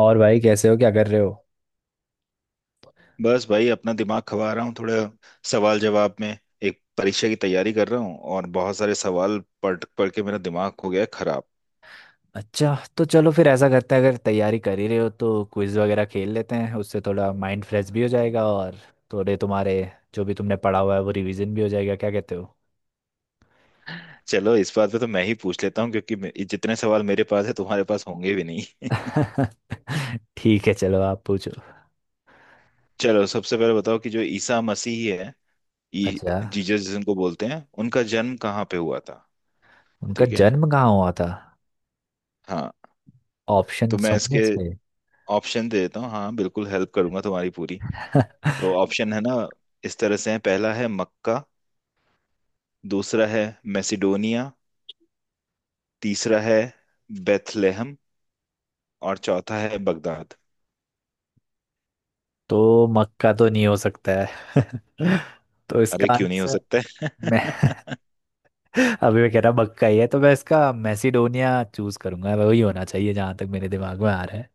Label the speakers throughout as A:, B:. A: और भाई, कैसे हो? क्या कर रहे हो?
B: बस भाई अपना दिमाग खवा रहा हूँ थोड़ा, सवाल जवाब में। एक परीक्षा की तैयारी कर रहा हूँ और बहुत सारे सवाल पढ़ पढ़ के मेरा दिमाग हो गया है खराब।
A: अच्छा, तो चलो फिर ऐसा करते हैं। अगर तैयारी कर ही रहे हो तो क्विज वगैरह खेल लेते हैं, उससे थोड़ा माइंड फ्रेश भी हो जाएगा और थोड़े तुम्हारे जो भी तुमने पढ़ा हुआ है वो रिवीजन भी हो जाएगा। क्या कहते हो?
B: चलो इस बात पे तो मैं ही पूछ लेता हूँ, क्योंकि जितने सवाल मेरे पास है तुम्हारे पास होंगे भी नहीं।
A: ठीक है, चलो आप पूछो।
B: चलो सबसे पहले बताओ कि जो ईसा मसीह है, ई
A: अच्छा।
B: जीसस जिनको बोलते हैं, उनका जन्म कहाँ पे हुआ था।
A: उनका
B: ठीक है।
A: जन्म कहाँ हुआ था?
B: हाँ,
A: ऑप्शन
B: तो मैं
A: होंगे
B: इसके
A: इसमें?
B: ऑप्शन दे देता हूँ, हाँ बिल्कुल हेल्प करूंगा तुम्हारी पूरी। तो ऑप्शन है ना, इस तरह से है। पहला है मक्का, दूसरा है मैसिडोनिया, तीसरा है बेथलेहम और चौथा है बगदाद।
A: तो मक्का तो नहीं हो सकता है। तो
B: अरे
A: इसका
B: क्यों नहीं हो
A: आंसर
B: सकता
A: मैं,
B: है?
A: अभी मैं कह रहा बक्का ही है, तो मैं इसका मैसिडोनिया चूज करूंगा, वही होना चाहिए जहां तक मेरे दिमाग में आ रहा है।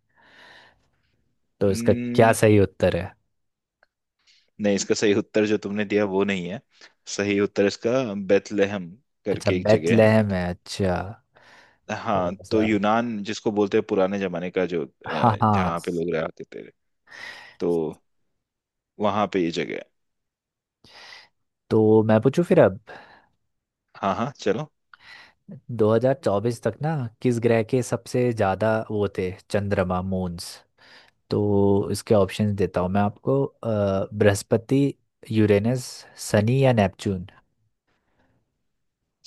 A: तो इसका क्या
B: हम्म,
A: सही उत्तर है?
B: नहीं, इसका सही उत्तर जो तुमने दिया वो नहीं है। सही उत्तर इसका बेथलेहम
A: अच्छा,
B: करके एक जगह है।
A: बेथलेहम है, अच्छा।
B: हाँ,
A: थोड़ा
B: तो
A: सा।
B: यूनान जिसको बोलते हैं पुराने जमाने का, जो
A: हाँ हाँ।
B: जहाँ पे लोग रहते थे, तो वहां पे ये जगह है।
A: तो मैं पूछूं फिर अब।
B: हाँ हाँ, चलो।
A: 2024 तक ना, किस ग्रह के सबसे ज्यादा वो थे, चंद्रमा, मून्स? तो इसके ऑप्शंस देता हूँ मैं आपको बृहस्पति, यूरेनस, शनि या नेपच्यून।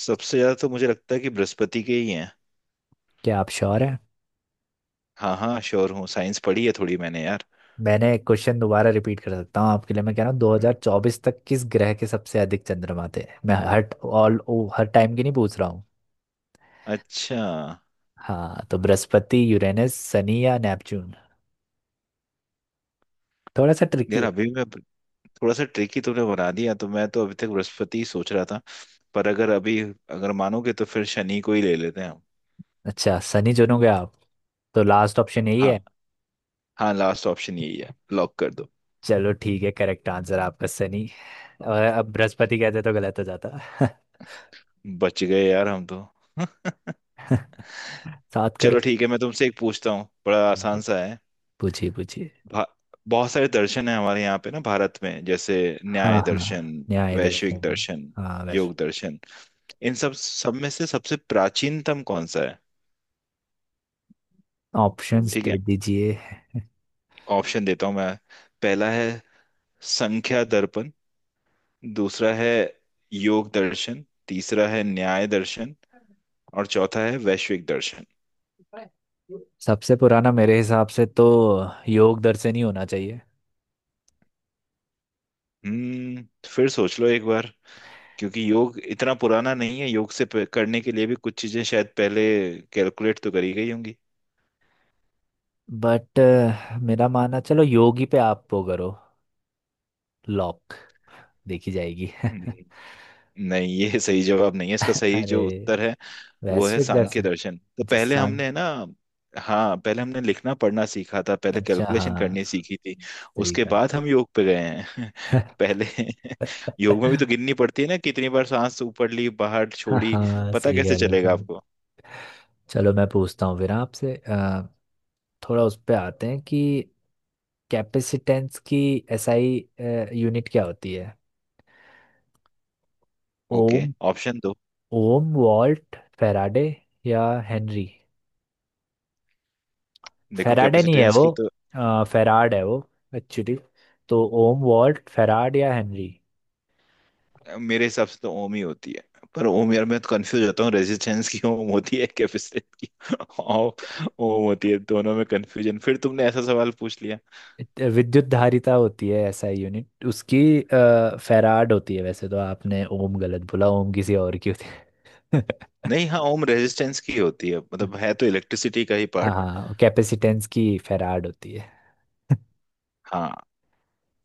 B: सबसे ज्यादा तो मुझे लगता है कि बृहस्पति के ही हैं।
A: क्या आप श्योर हैं?
B: हाँ हाँ, श्योर हूँ, साइंस पढ़ी है थोड़ी मैंने यार।
A: मैंने एक क्वेश्चन दोबारा रिपीट कर सकता हूँ आपके लिए। मैं कह रहा हूँ 2024 तक किस ग्रह के सबसे अधिक चंद्रमा थे। मैं हर टाइम की नहीं पूछ रहा हूँ।
B: अच्छा।
A: हाँ, तो बृहस्पति, यूरेनस, शनि या नेपच्यून? थोड़ा सा ट्रिकी
B: यार
A: है।
B: अभी मैं, थोड़ा सा ट्रिकी तुमने बना दिया, तो मैं तो अभी तक बृहस्पति ही सोच रहा था। पर अगर अभी, अगर मानोगे तो फिर शनि को ही ले लेते हैं हम।
A: अच्छा, शनि चुनोगे आप? तो लास्ट ऑप्शन यही
B: हाँ।
A: है।
B: हाँ, लास्ट ऑप्शन यही है, लॉक कर दो।
A: चलो ठीक है, करेक्ट आंसर आपका, शनि। और अब बृहस्पति कहते तो गलत हो जाता।
B: बच गए यार हम तो।
A: सात
B: चलो
A: करो।
B: ठीक है, मैं तुमसे एक पूछता हूँ, बड़ा
A: ठीक
B: आसान
A: है,
B: सा है।
A: पूछिए पूछिए।
B: भा- बहुत सारे दर्शन है हमारे यहाँ पे ना भारत में, जैसे
A: हाँ
B: न्याय
A: हाँ,
B: दर्शन,
A: न्याय
B: वैश्विक
A: दर्शन।
B: दर्शन,
A: हाँ, वैसे।
B: योग दर्शन। इन सब सब में से सबसे प्राचीनतम कौन सा है?
A: ऑप्शंस
B: ठीक है,
A: दे दीजिए।
B: ऑप्शन देता हूँ मैं। पहला है संख्या दर्पण, दूसरा है योग दर्शन, तीसरा है न्याय दर्शन और चौथा है वैश्विक दर्शन।
A: सबसे पुराना मेरे हिसाब से तो योग दर्शन ही होना चाहिए।
B: हम्म फिर सोच लो एक बार, क्योंकि योग इतना पुराना नहीं है। योग से करने के लिए भी कुछ चीजें शायद पहले कैलकुलेट तो करी गई होंगी।
A: बट मेरा मानना, चलो योगी पे आप वो करो। लॉक। देखी जाएगी।
B: हम्म। नहीं, ये सही जवाब नहीं है। इसका सही
A: अरे,
B: जो उत्तर है वो है
A: वैश्विक, अरे का
B: सांख्य
A: दर्शन।
B: दर्शन। तो
A: अच्छा
B: पहले
A: सांग,
B: हमने ना, हाँ पहले हमने लिखना पढ़ना सीखा था, पहले
A: अच्छा।
B: कैलकुलेशन
A: हाँ,
B: करनी सीखी थी।
A: सही
B: उसके
A: कहा।
B: बाद हम योग पे गए हैं। पहले योग में भी तो गिननी पड़ती है ना, कितनी बार सांस ऊपर ली, बाहर
A: हाँ
B: छोड़ी।
A: हाँ,
B: पता
A: सही
B: कैसे
A: कह रहे हो,
B: चलेगा
A: सही।
B: आपको?
A: चलो मैं पूछता हूँ फिर आपसे, थोड़ा उस पे आते हैं कि कैपेसिटेंस की एसआई यूनिट क्या होती है,
B: ओके,
A: ओम?
B: ऑप्शन दो।
A: ओम, वॉल्ट, फेराडे या हेनरी?
B: देखो,
A: फेराडे नहीं है
B: कैपेसिटेंस
A: वो,
B: की तो,
A: फेराड है वो एक्चुअली। तो ओम, वॉल्ट, फेराड या हेनरी?
B: मेरे हिसाब से तो ओम ही होती है। पर ओम, यार मैं तो कंफ्यूज होता हूँ, रेजिस्टेंस की ओम होती है, कैपेसिटेंस की ओम। ओम होती है दोनों में कंफ्यूजन, फिर तुमने ऐसा सवाल पूछ लिया।
A: विद्युत धारिता होती है, ऐसा यूनिट उसकी फेराड होती है वैसे। तो आपने ओम गलत बोला, ओम किसी और की होती है।
B: नहीं, हाँ ओम रेजिस्टेंस की होती है, मतलब है तो इलेक्ट्रिसिटी का ही
A: हाँ
B: पार्ट।
A: हाँ, कैपेसिटेंस की फेराड होती है।
B: हाँ,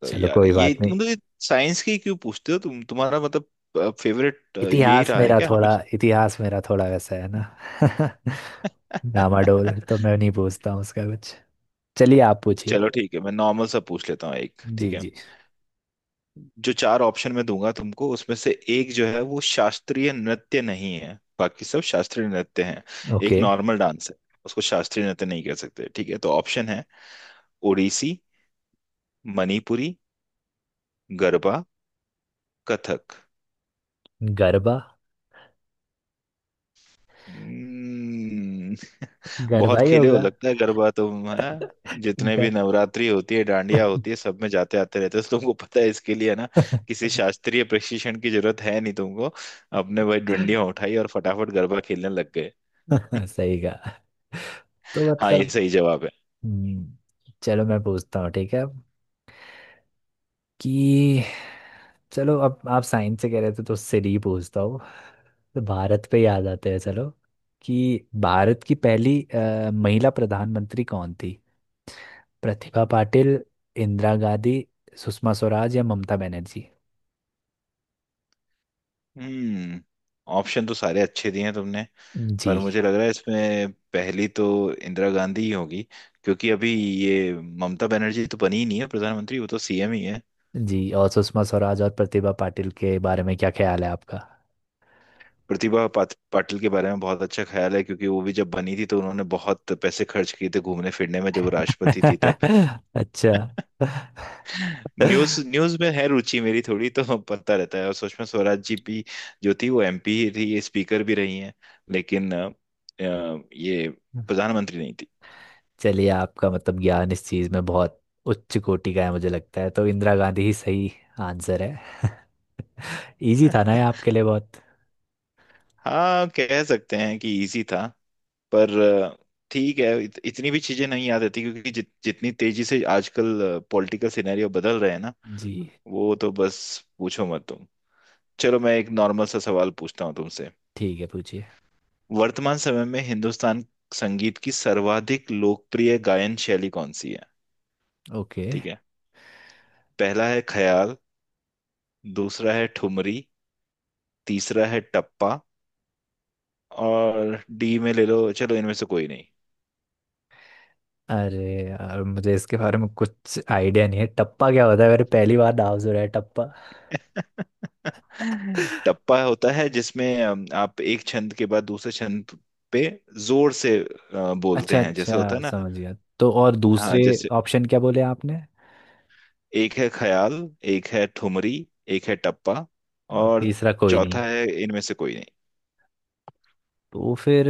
B: तो
A: चलो
B: यार
A: कोई
B: ये
A: बात नहीं।
B: मतलब ये साइंस की क्यों पूछते हो तुम, तुम्हारा मतलब फेवरेट यही
A: इतिहास
B: रहा है
A: मेरा
B: क्या
A: थोड़ा इतिहास मेरा थोड़ा वैसा है ना।
B: हमेशा?
A: डामाडोल तो मैं नहीं पूछता हूँ उसका कुछ। चलिए आप पूछिए।
B: चलो ठीक है, मैं नॉर्मल सा पूछ लेता हूँ एक,
A: जी
B: ठीक है।
A: जी।
B: जो चार ऑप्शन मैं दूंगा तुमको, उसमें से एक जो है वो शास्त्रीय नृत्य नहीं है, बाकी सब शास्त्रीय नृत्य हैं। एक
A: ओके।
B: नॉर्मल डांस है, उसको शास्त्रीय नृत्य नहीं कह सकते। ठीक है, तो ऑप्शन है ओडिसी, मणिपुरी, गरबा, कथक।
A: गरबा।
B: हम्म,
A: गरबा
B: बहुत
A: ही
B: खेले हो
A: होगा।
B: लगता है गरबा तुम है। जितने भी
A: गर...
B: नवरात्रि होती है, डांडिया होती है, सब में जाते आते रहते हो, तो तुमको पता है इसके लिए, है ना? किसी शास्त्रीय प्रशिक्षण की जरूरत है नहीं तुमको, अपने वही डंडियां उठाई और फटाफट गरबा खेलने लग गए।
A: सही कहा। तो
B: हाँ, ये
A: मतलब।
B: सही जवाब है।
A: हम्म। चलो मैं पूछता हूँ, ठीक है अब, कि, चलो अब आप साइंस से कह रहे थे तो उससे नहीं पूछता हूँ। तो भारत पे याद आते हैं, चलो, कि भारत की पहली महिला प्रधानमंत्री कौन थी? प्रतिभा पाटिल, इंदिरा गांधी, सुषमा स्वराज या ममता बनर्जी?
B: हम्म ऑप्शन तो सारे अच्छे दिए हैं तुमने। पर
A: जी।
B: मुझे लग रहा है, इसमें पहली तो इंदिरा गांधी ही होगी, क्योंकि अभी ये ममता बनर्जी तो बनी ही नहीं है प्रधानमंत्री, वो तो सीएम ही है।
A: जी, और सुषमा स्वराज और प्रतिभा पाटिल के बारे में क्या ख्याल है आपका?
B: प्रतिभा पाटिल के बारे में बहुत अच्छा ख्याल है, क्योंकि वो भी जब बनी थी तो उन्होंने बहुत पैसे खर्च किए थे घूमने फिरने में, जब वो राष्ट्रपति थी तब।
A: अच्छा।
B: न्यूज न्यूज में है रुचि मेरी थोड़ी, तो पता रहता है। और सुषमा स्वराज जी भी जो थी, वो एमपी ही थी, ये स्पीकर भी रही हैं, लेकिन ये प्रधानमंत्री नहीं।
A: चलिए, आपका मतलब ज्ञान इस चीज में बहुत उच्च कोटि का है मुझे लगता है, तो इंदिरा गांधी ही सही आंसर है। इजी था ना ये आपके लिए बहुत।
B: हाँ, कह सकते हैं कि इजी था, पर ठीक है, इतनी भी चीजें नहीं याद रहती, क्योंकि जितनी तेजी से आजकल पॉलिटिकल सिनेरियो बदल रहे हैं ना।
A: जी।
B: वो तो बस पूछो मत तुम। चलो मैं एक नॉर्मल सा सवाल पूछता हूँ तुमसे।
A: ठीक है, पूछिए।
B: वर्तमान समय में हिंदुस्तान संगीत की सर्वाधिक लोकप्रिय गायन शैली कौन सी है?
A: ओके।
B: ठीक है। पहला है ख्याल, दूसरा है ठुमरी, तीसरा है टप्पा, और डी में ले लो चलो, इनमें से कोई नहीं।
A: अरे यार, मुझे इसके बारे में कुछ आइडिया नहीं है। टप्पा क्या होता है? मेरे पहली बार नाम सुना है टप्पा।
B: टप्पा होता है जिसमें आप एक छंद के बाद दूसरे छंद पे जोर से बोलते
A: अच्छा
B: हैं, जैसे होता
A: अच्छा,
B: है ना।
A: समझ गया। तो और
B: हाँ
A: दूसरे
B: जैसे,
A: ऑप्शन क्या बोले आपने?
B: एक है ख्याल, एक है ठुमरी, एक है टप्पा
A: और
B: और
A: तीसरा कोई नहीं?
B: चौथा है इनमें से कोई नहीं।
A: तो फिर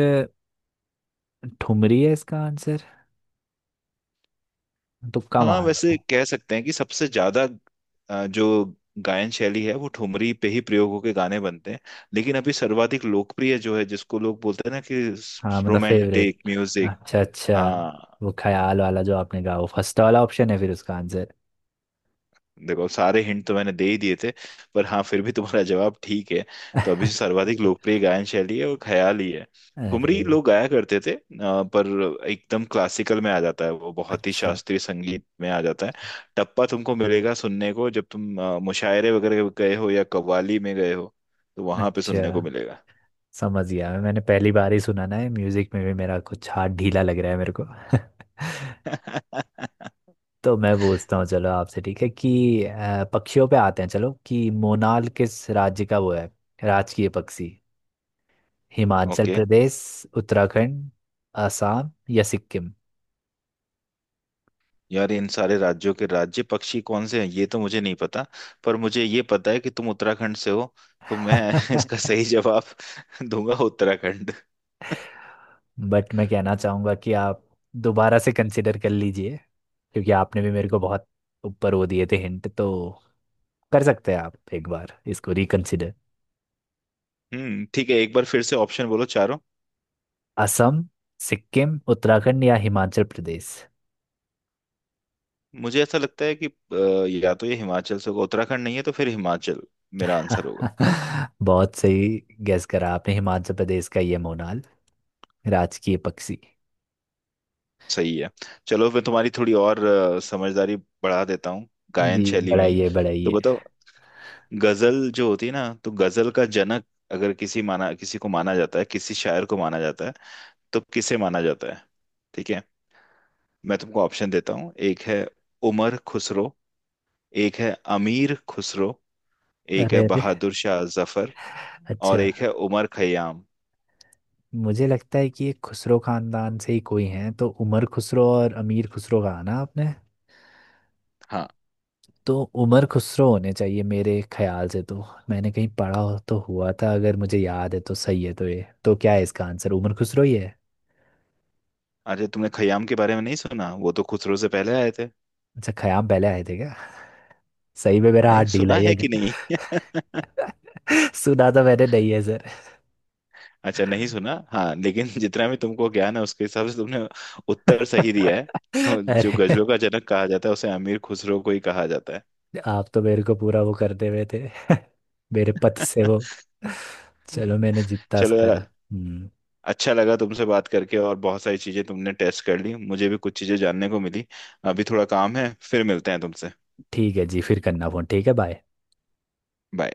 A: ठुमरी है इसका आंसर। तुक्का
B: हाँ
A: मार रहा
B: वैसे
A: हूँ।
B: कह सकते हैं कि सबसे ज्यादा जो गायन शैली है वो ठुमरी पे ही प्रयोग होके गाने बनते हैं। लेकिन अभी सर्वाधिक लोकप्रिय जो है, जिसको लोग बोलते हैं ना कि
A: हाँ, मतलब
B: रोमांटिक
A: फेवरेट।
B: म्यूजिक।
A: अच्छा अच्छा।
B: हाँ।
A: वो ख्याल वाला जो आपने कहा वो फर्स्ट वाला ऑप्शन है फिर उसका आंसर?
B: देखो, सारे हिंट तो मैंने दे ही दिए थे, पर हाँ फिर भी तुम्हारा जवाब ठीक है। तो अभी जो सर्वाधिक लोकप्रिय गायन शैली है वो ख्याली है। ठुमरी
A: अरे।
B: लोग गाया करते थे, पर एकदम क्लासिकल में आ जाता है वो, बहुत ही
A: अच्छा।
B: शास्त्रीय संगीत में आ जाता है। टप्पा तुमको मिलेगा सुनने को जब तुम मुशायरे वगैरह गए हो या कव्वाली में गए हो, तो वहां पे
A: अच्छा
B: सुनने को मिलेगा।
A: समझ गया मैं। मैंने पहली बार ही सुना ना है। म्यूजिक में भी मेरा कुछ हाथ ढीला लग रहा है मेरे को। तो मैं पूछता हूँ चलो आपसे, ठीक है, कि पक्षियों पे आते हैं, चलो, कि मोनाल किस राज्य का वो है राजकीय पक्षी? हिमाचल
B: ओके।
A: प्रदेश, उत्तराखंड, असम या सिक्किम?
B: यार इन सारे राज्यों के राज्य पक्षी कौन से हैं, ये तो मुझे नहीं पता, पर मुझे ये पता है कि तुम उत्तराखंड से हो, तो मैं इसका सही जवाब दूंगा उत्तराखंड।
A: बट मैं कहना चाहूँगा कि आप दोबारा से कंसिडर कर लीजिए, क्योंकि आपने भी मेरे को बहुत ऊपर वो दिए थे हिंट। तो कर सकते हैं आप एक बार इसको रिकंसिडर?
B: ठीक है, एक बार फिर से ऑप्शन बोलो चारों।
A: असम, सिक्किम, उत्तराखंड या हिमाचल प्रदेश?
B: मुझे ऐसा लगता है कि या तो ये हिमाचल से होगा, उत्तराखंड नहीं है तो फिर हिमाचल मेरा आंसर होगा।
A: बहुत सही, गैस करा आपने। हिमाचल प्रदेश का ये मोनाल राजकीय पक्षी।
B: सही है। चलो, मैं तुम्हारी थोड़ी और समझदारी बढ़ा देता हूँ गायन
A: जी,
B: शैली में ही।
A: बढ़ाइए
B: तो
A: बढ़ाइए।
B: बताओ, गजल जो होती है ना, तो गजल का जनक अगर किसी माना, किसी को माना जाता है, किसी शायर को माना जाता है, तो किसे माना जाता है? ठीक है, मैं तुमको ऑप्शन देता हूँ। एक है उमर खुसरो, एक है अमीर खुसरो, एक है
A: अरे अरे।
B: बहादुर शाह जफर और
A: अच्छा।
B: एक है उमर खयाम।
A: मुझे लगता है कि ये खुसरो खानदान से ही कोई हैं, तो उमर खुसरो और अमीर खुसरो कहा ना आपने?
B: हाँ,
A: तो उमर खुसरो होने चाहिए मेरे ख्याल से। तो मैंने कहीं पढ़ा हो तो हुआ था, अगर मुझे याद है तो सही है। तो ये तो क्या है, इसका आंसर उमर खुसरो ही है।
B: अरे तुमने खयाम के बारे में नहीं सुना, वो तो खुसरो से पहले आए थे।
A: अच्छा, खयाम पहले आए थे क्या? सही में मेरा हाथ
B: नहीं,
A: ढीला
B: सुना
A: ही
B: है
A: है।
B: कि नहीं?
A: सुना तो मैंने नहीं है सर।
B: अच्छा, नहीं सुना, हाँ। लेकिन जितना भी तुमको ज्ञान है उसके हिसाब से तुमने उत्तर सही दिया है। जो
A: अरे।
B: गजलों का जनक कहा जाता है उसे अमीर खुसरो को ही कहा जाता है।
A: आप तो मेरे को पूरा वो कर दे हुए थे। मेरे पथ से वो। चलो, मैंने जितना
B: चलो,
A: करा। हम्म।
B: अच्छा लगा तुमसे बात करके, और बहुत सारी चीजें तुमने टेस्ट कर ली, मुझे भी कुछ चीजें जानने को मिली। अभी थोड़ा काम है, फिर मिलते हैं तुमसे।
A: ठीक है जी, फिर करना फोन। ठीक है, बाय।
B: बाय।